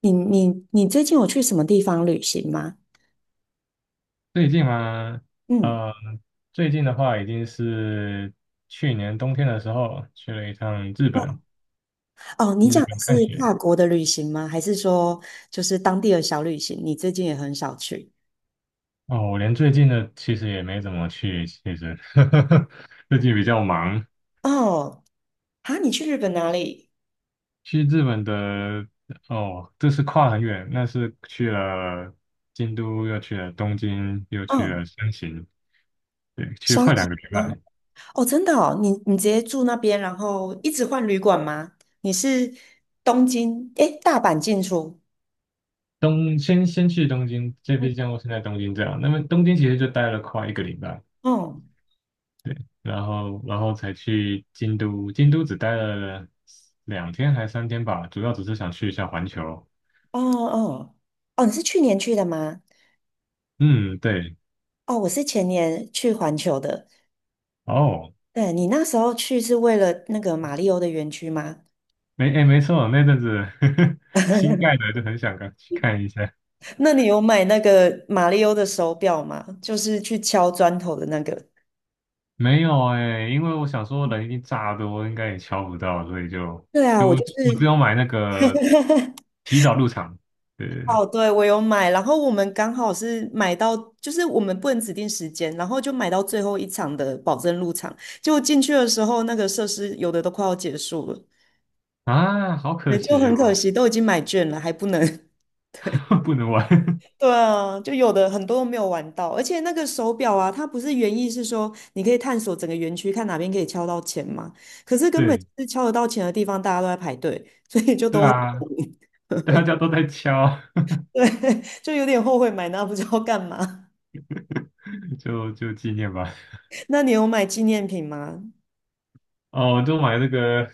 你最近有去什么地方旅行吗？最近吗？嗯。最近的话，已经是去年冬天的时候去了一趟日本，哦，你去讲日的本是看雪。跨国的旅行吗？还是说就是当地的小旅行？你最近也很少去哦，我连最近的其实也没怎么去，其实 最近比较忙。哦？啊，你去日本哪里？去日本的哦，这是跨很远，那是去了京都，又去了东京，又去嗯，了山形，对，去了山快两形个礼吗？拜。哦，真的哦，你直接住那边，然后一直换旅馆吗？你是东京，诶，大阪进出？先去东京，这嗯，边像我是在东京这样，那么东京其实就待了快1个礼拜。哦然后才去京都，京都只待了2天还3天吧，主要只是想去一下环球。哦哦，哦，你是去年去的吗？嗯，对，哦，我是前年去环球的。哦，对，你那时候去是为了那个马里欧的园区吗？没，哎，没错，那阵子 新盖的就很想看去看一下。那你有买那个马里欧的手表吗？就是去敲砖头的那个。没有哎，因为我想说人已经炸多，应该也敲不到，所以对啊，我就我只是。有买那个提早入场。对对对，哦，对，我有买，然后我们刚好是买到，就是我们不能指定时间，然后就买到最后一场的保证入场，就果进去的时候，那个设施有的都快要结束了。啊，好可对，就惜很可哦，惜，都已经买券了，还不能。不能玩。对啊，就有的很多都没有玩到，而且那个手表啊，它不是原意是说你可以探索整个园区，看哪边可以敲到钱嘛。可是根本就对是敲得到钱的地方，大家都在排队，所以就对都很 啊，大家都在敲，对，就有点后悔买那不知道干嘛。就纪念吧。那你有买纪念品吗？哦，我就买那个，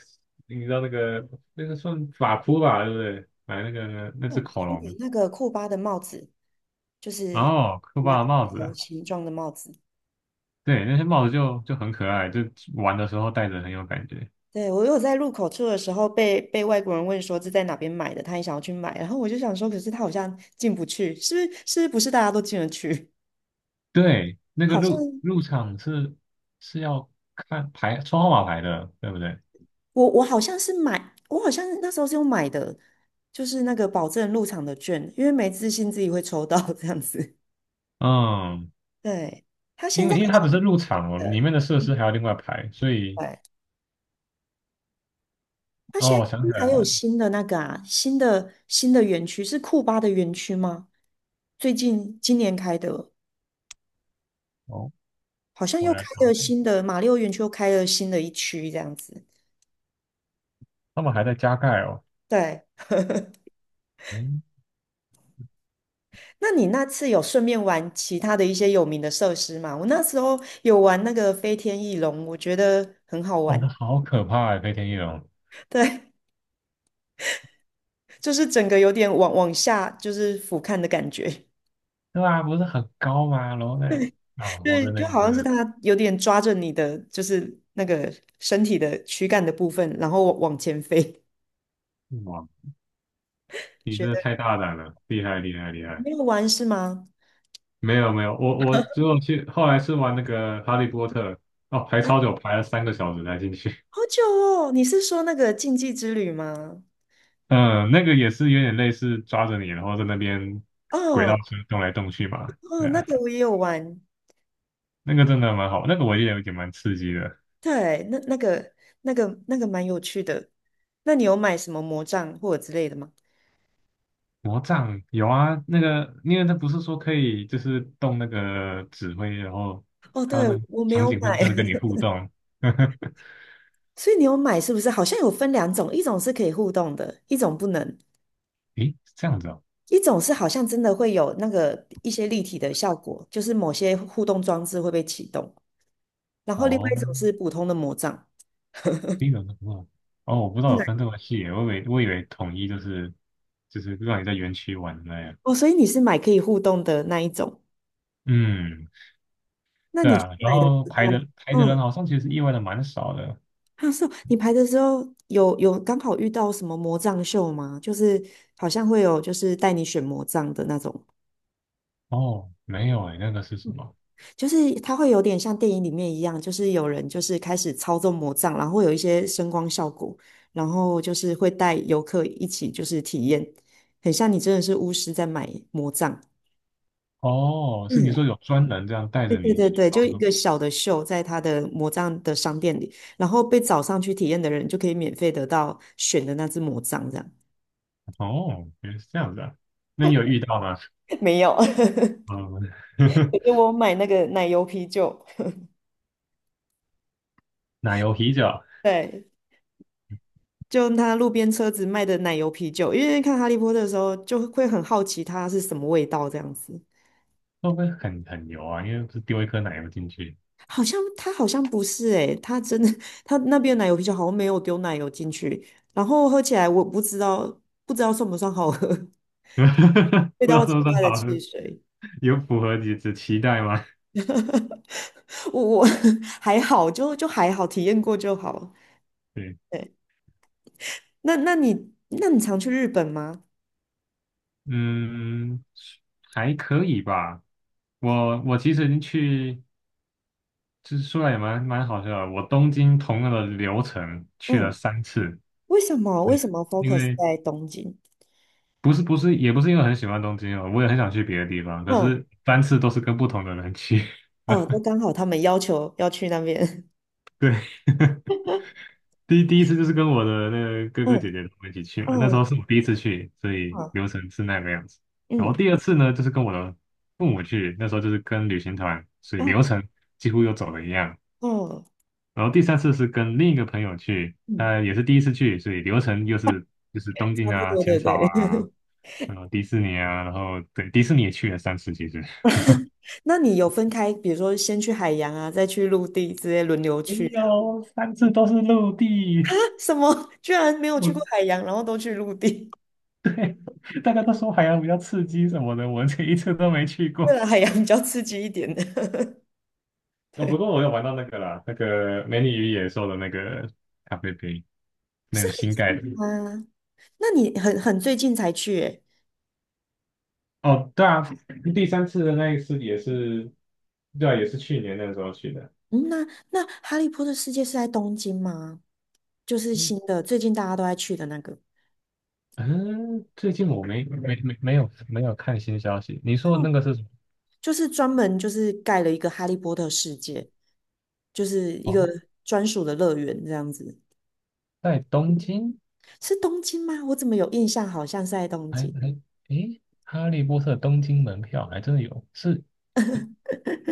你知道那个算法扑吧，对不对？买那个那我只恐买龙，那个库巴的帽子，就是哦，酷科一个巴的帽条子，形状的帽子。对，那些帽子就很可爱，就玩的时候戴着很有感觉。对，我有在入口处的时候被外国人问说是在哪边买的，他也想要去买，然后我就想说，可是他好像进不去，是不是？是不是大家都进得去？对，那个好像入场是要看牌抽号码牌的，对不对？我好像是买，我好像那时候是有买的，就是那个保证入场的券，因为没自信自己会抽到这样子。嗯，对，他现因为在好因为它不像是入场哦，呃，里面的设施还要另外排，所以对，他哦，现在我想起还来有了，新的那个啊，新的园区是库巴的园区吗？最近今年开的。哦，好像我又开来查了查，新的马六园区，又开了新的一区这样子。他们还在加盖哦，对，嗯，那你那次有顺便玩其他的一些有名的设施吗？我那时候有玩那个飞天翼龙，我觉得很好哦，玩。那好可怕哎，飞天翼龙。对，就是整个有点往下就是俯瞰的感觉。对啊，不是很高吗？楼内啊，我对，的那就个真好像是的，它有点抓着你的就是那个身体的躯干的部分，然后往前飞。哇，你觉真的得太大胆了，厉害厉害厉害！没有玩是吗？没有没有，我只有去，后来是玩那个《哈利波特》，哦，排超久，排了3个小时才进去。好久哦，你是说那个禁忌之旅吗？嗯，那个也是有点类似抓着你，然后在那边轨道哦。车动来动去嘛。哦，对那啊，个我也有玩。那个真的蛮好，那个我也有点蛮刺激的。对，那个蛮有趣的。那你有买什么魔杖或者之类的吗？魔杖有啊，那个因为它不是说可以就是动那个指挥，然后哦，还有对，那个我没场有景会买。跟你互动。所以你有买是不是？好像有分两种，一种是可以互动的，一种不能，诶，是这样子啊，一种是好像真的会有那个一些立体的效果，就是某些互动装置会被启动，然后另外哦，一种是普通的魔杖。第一个是不哦，我不知道有对，分这么细耶我以为统一就是让你在园区玩的那样，哦，所以你是买可以互动的那一种。嗯，那对你去啊，然买的后时排候。的排的人嗯。好像其实意外的蛮少的，啊，是哦，你排的时候有刚好遇到什么魔杖秀吗？就是好像会有就是带你选魔杖的那种，哦，没有诶，那个是什么？就是它会有点像电影里面一样，就是有人就是开始操纵魔杖，然后会有一些声光效果，然后就是会带游客一起就是体验，很像你真的是巫师在买魔杖。哦，是你嗯，说有专人这样带对着对你对去对，就操一作，个小的秀在他的魔杖的商店里，然后被找上去体验的人就可以免费得到选的那只魔杖，这样。哦，原来是这样子啊，那你有遇到吗？没有。嗯，给我买那个奶油啤酒。奶油啤酒对，就他路边车子卖的奶油啤酒，因为看《哈利波特》的时候就会很好奇它是什么味道这样子。会不会很油啊？因为不是丢一颗奶油进去，好像它好像不是诶、它真的它那边的奶油啤酒好像没有丢奶油进去，然后喝起来我不知道算不算好喝。味不知道道是奇不是怪很的好汽喝。水，有符合你的期待吗？我 还好，就还好，体验过就好。对，对，那你常去日本吗？嗯，还可以吧。我其实去，就是说来也蛮好笑的。我东京同样的流程去了嗯，三次，为什么 因 focus 为在东京？不是也不是因为很喜欢东京哦，我也很想去别的地方，可嗯，是三次都是跟不同的人去。哦，都 刚好他们要求要去那边。对，第一次就是跟我的那个哥哥姐嗯姐他们一起去嘛，那时候嗯是我第一次去，所以流嗯程是那个样子。然后嗯第二次呢，就是跟我的父母去，那时候就是跟旅行团，所以流程几乎又走了一样。嗯然后第三次是跟另一个朋友去，嗯，他也是第一次去，所以流程又是就是东京差不啊、多，浅对草对。啊，然后迪士尼啊，然后对迪士尼也去了三次，其实。那你有分开，比如说先去海洋啊，再去陆地，直接轮流哎去这样？呦，三次都是陆地，什么？居然没有去我过海洋，然后都去陆地？大家都说海洋比较刺激什么的，我这一次都没去 为过。了海洋比较刺激一点的。哦，不对，过我有玩到那个啦，那个《美女与野兽》的那个咖啡杯，那是个新盖很的。啊。那你很最近才去诶？哦，对啊，第三次的那一次也是，对啊，也是去年那个时候去的。嗯，那《哈利波特》世界是在东京吗？就是嗯，新的，最近大家都在去的那个。嗯啊最近我没有看新消息。你说的那个是什么？就是专门就是盖了一个哈利波特世界，就是一哦，个专属的乐园这样子。在东京？是东京吗？我怎么有印象好像是在东还京？还诶，哈利波特东京门票还真的有，是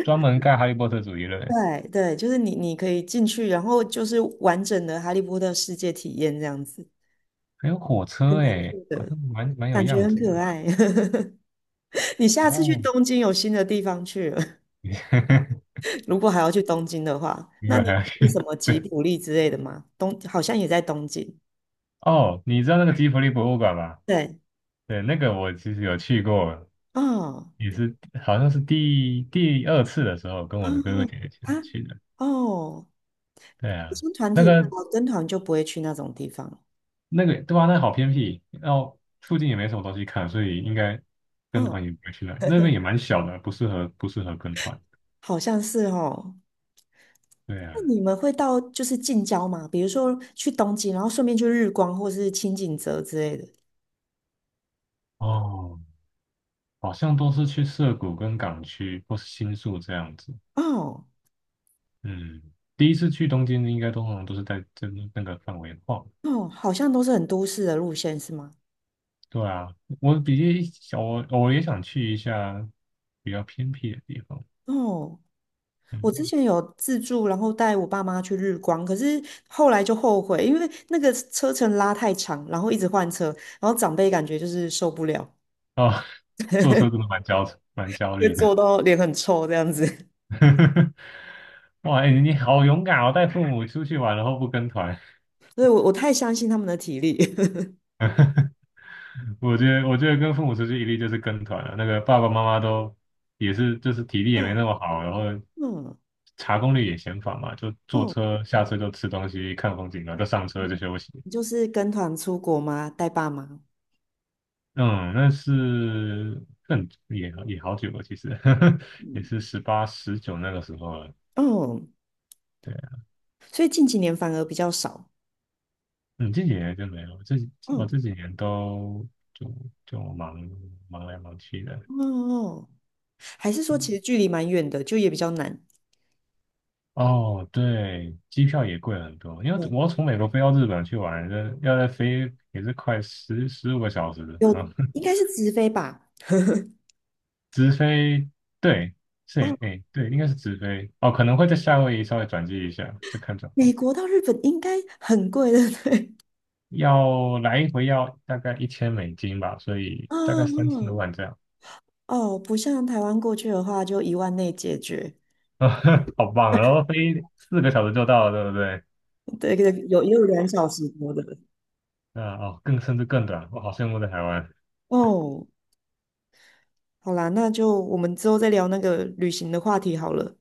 专门盖哈利波特主题的，园，对对，就是你可以进去，然后就是完整的哈利波特世界体验这样子，还有火还车蛮诶，酷好的，像蛮有感觉样很子可的。爱。你下次去哦，东京有新的地方去了。你 如果还要去东京的话，你那们你还要有去什去？么吉卜力之类的吗？东好像也在东京。哦，你知道那个吉卜力博物馆吗？对。对，那个我其实有去过，哦。也是好像是第二次的时候，跟啊我的哥哥姐姐去啊去的。哦，对我啊，像团那体比个较跟团就不会去那种地方。对啊，那好偏僻，然后附近也没什么东西看，所以应该跟嗯，团也不会去那里，那边也蛮小的，不适合跟团。好像是哦。对啊，那你们会到就是近郊吗？比如说去东京，然后顺便去日光或是清景泽之类的。哦，好像都是去涩谷跟港区或是新宿这样子。哦嗯，第一次去东京应该通常都是在这那个范围晃。哦，好像都是很都市的路线是吗？对啊，我比较想，我我也想去一下比较偏僻的地方。哦，我之嗯，前有自助，然后带我爸妈去日光，可是后来就后悔，因为那个车程拉太长，然后一直换车，然后长辈感觉就是受不了，啊、坐车真的蛮焦会虑的。坐到脸很臭这样子。哇，哎、你好勇敢哦，带父母出去玩，然后不跟团。所以我太相信他们的体力。我觉得，跟父母出去一定就是跟团了。那个爸爸妈妈都也是，就是体力也没嗯那么好，然后嗯查攻略也嫌烦嘛，就坐嗯，车下车就吃东西、看风景，然后就上车就嗯休息。你就是跟团出国吗？带爸妈？嗯，那是更也好久了，其实 也嗯是18、19那个时候了。嗯，对，所以近几年反而比较少。嗯，这几年就没有，我嗯这几年都就就忙来忙去的。嗯嗯，还是说其实距离蛮远的，就也比较难。哦，对，机票也贵很多，因为嗯，我要从美国飞到日本去玩，要再飞也是快十五个小时有啊，然后 应该是直飞吧？直飞，对，哦，是，哎，对，应该是直飞，哦，可能会在夏威夷稍微转机一下，再看状况。美国到日本应该很贵的，对。要来一回要大概1000美金吧，所 以大嗯概三多嗯万这样，哦，不像台湾过去的话，就1万内解决。好棒啊！然后飞4个小时就到了，对不对？对对，有也有2小时多的。啊哦，更甚至更短，我好羡慕在台湾。哦，好啦，那就我们之后再聊那个旅行的话题好了。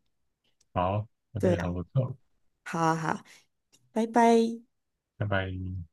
好，我觉对得啊，很不错，好啊，好啊，拜拜。拜拜。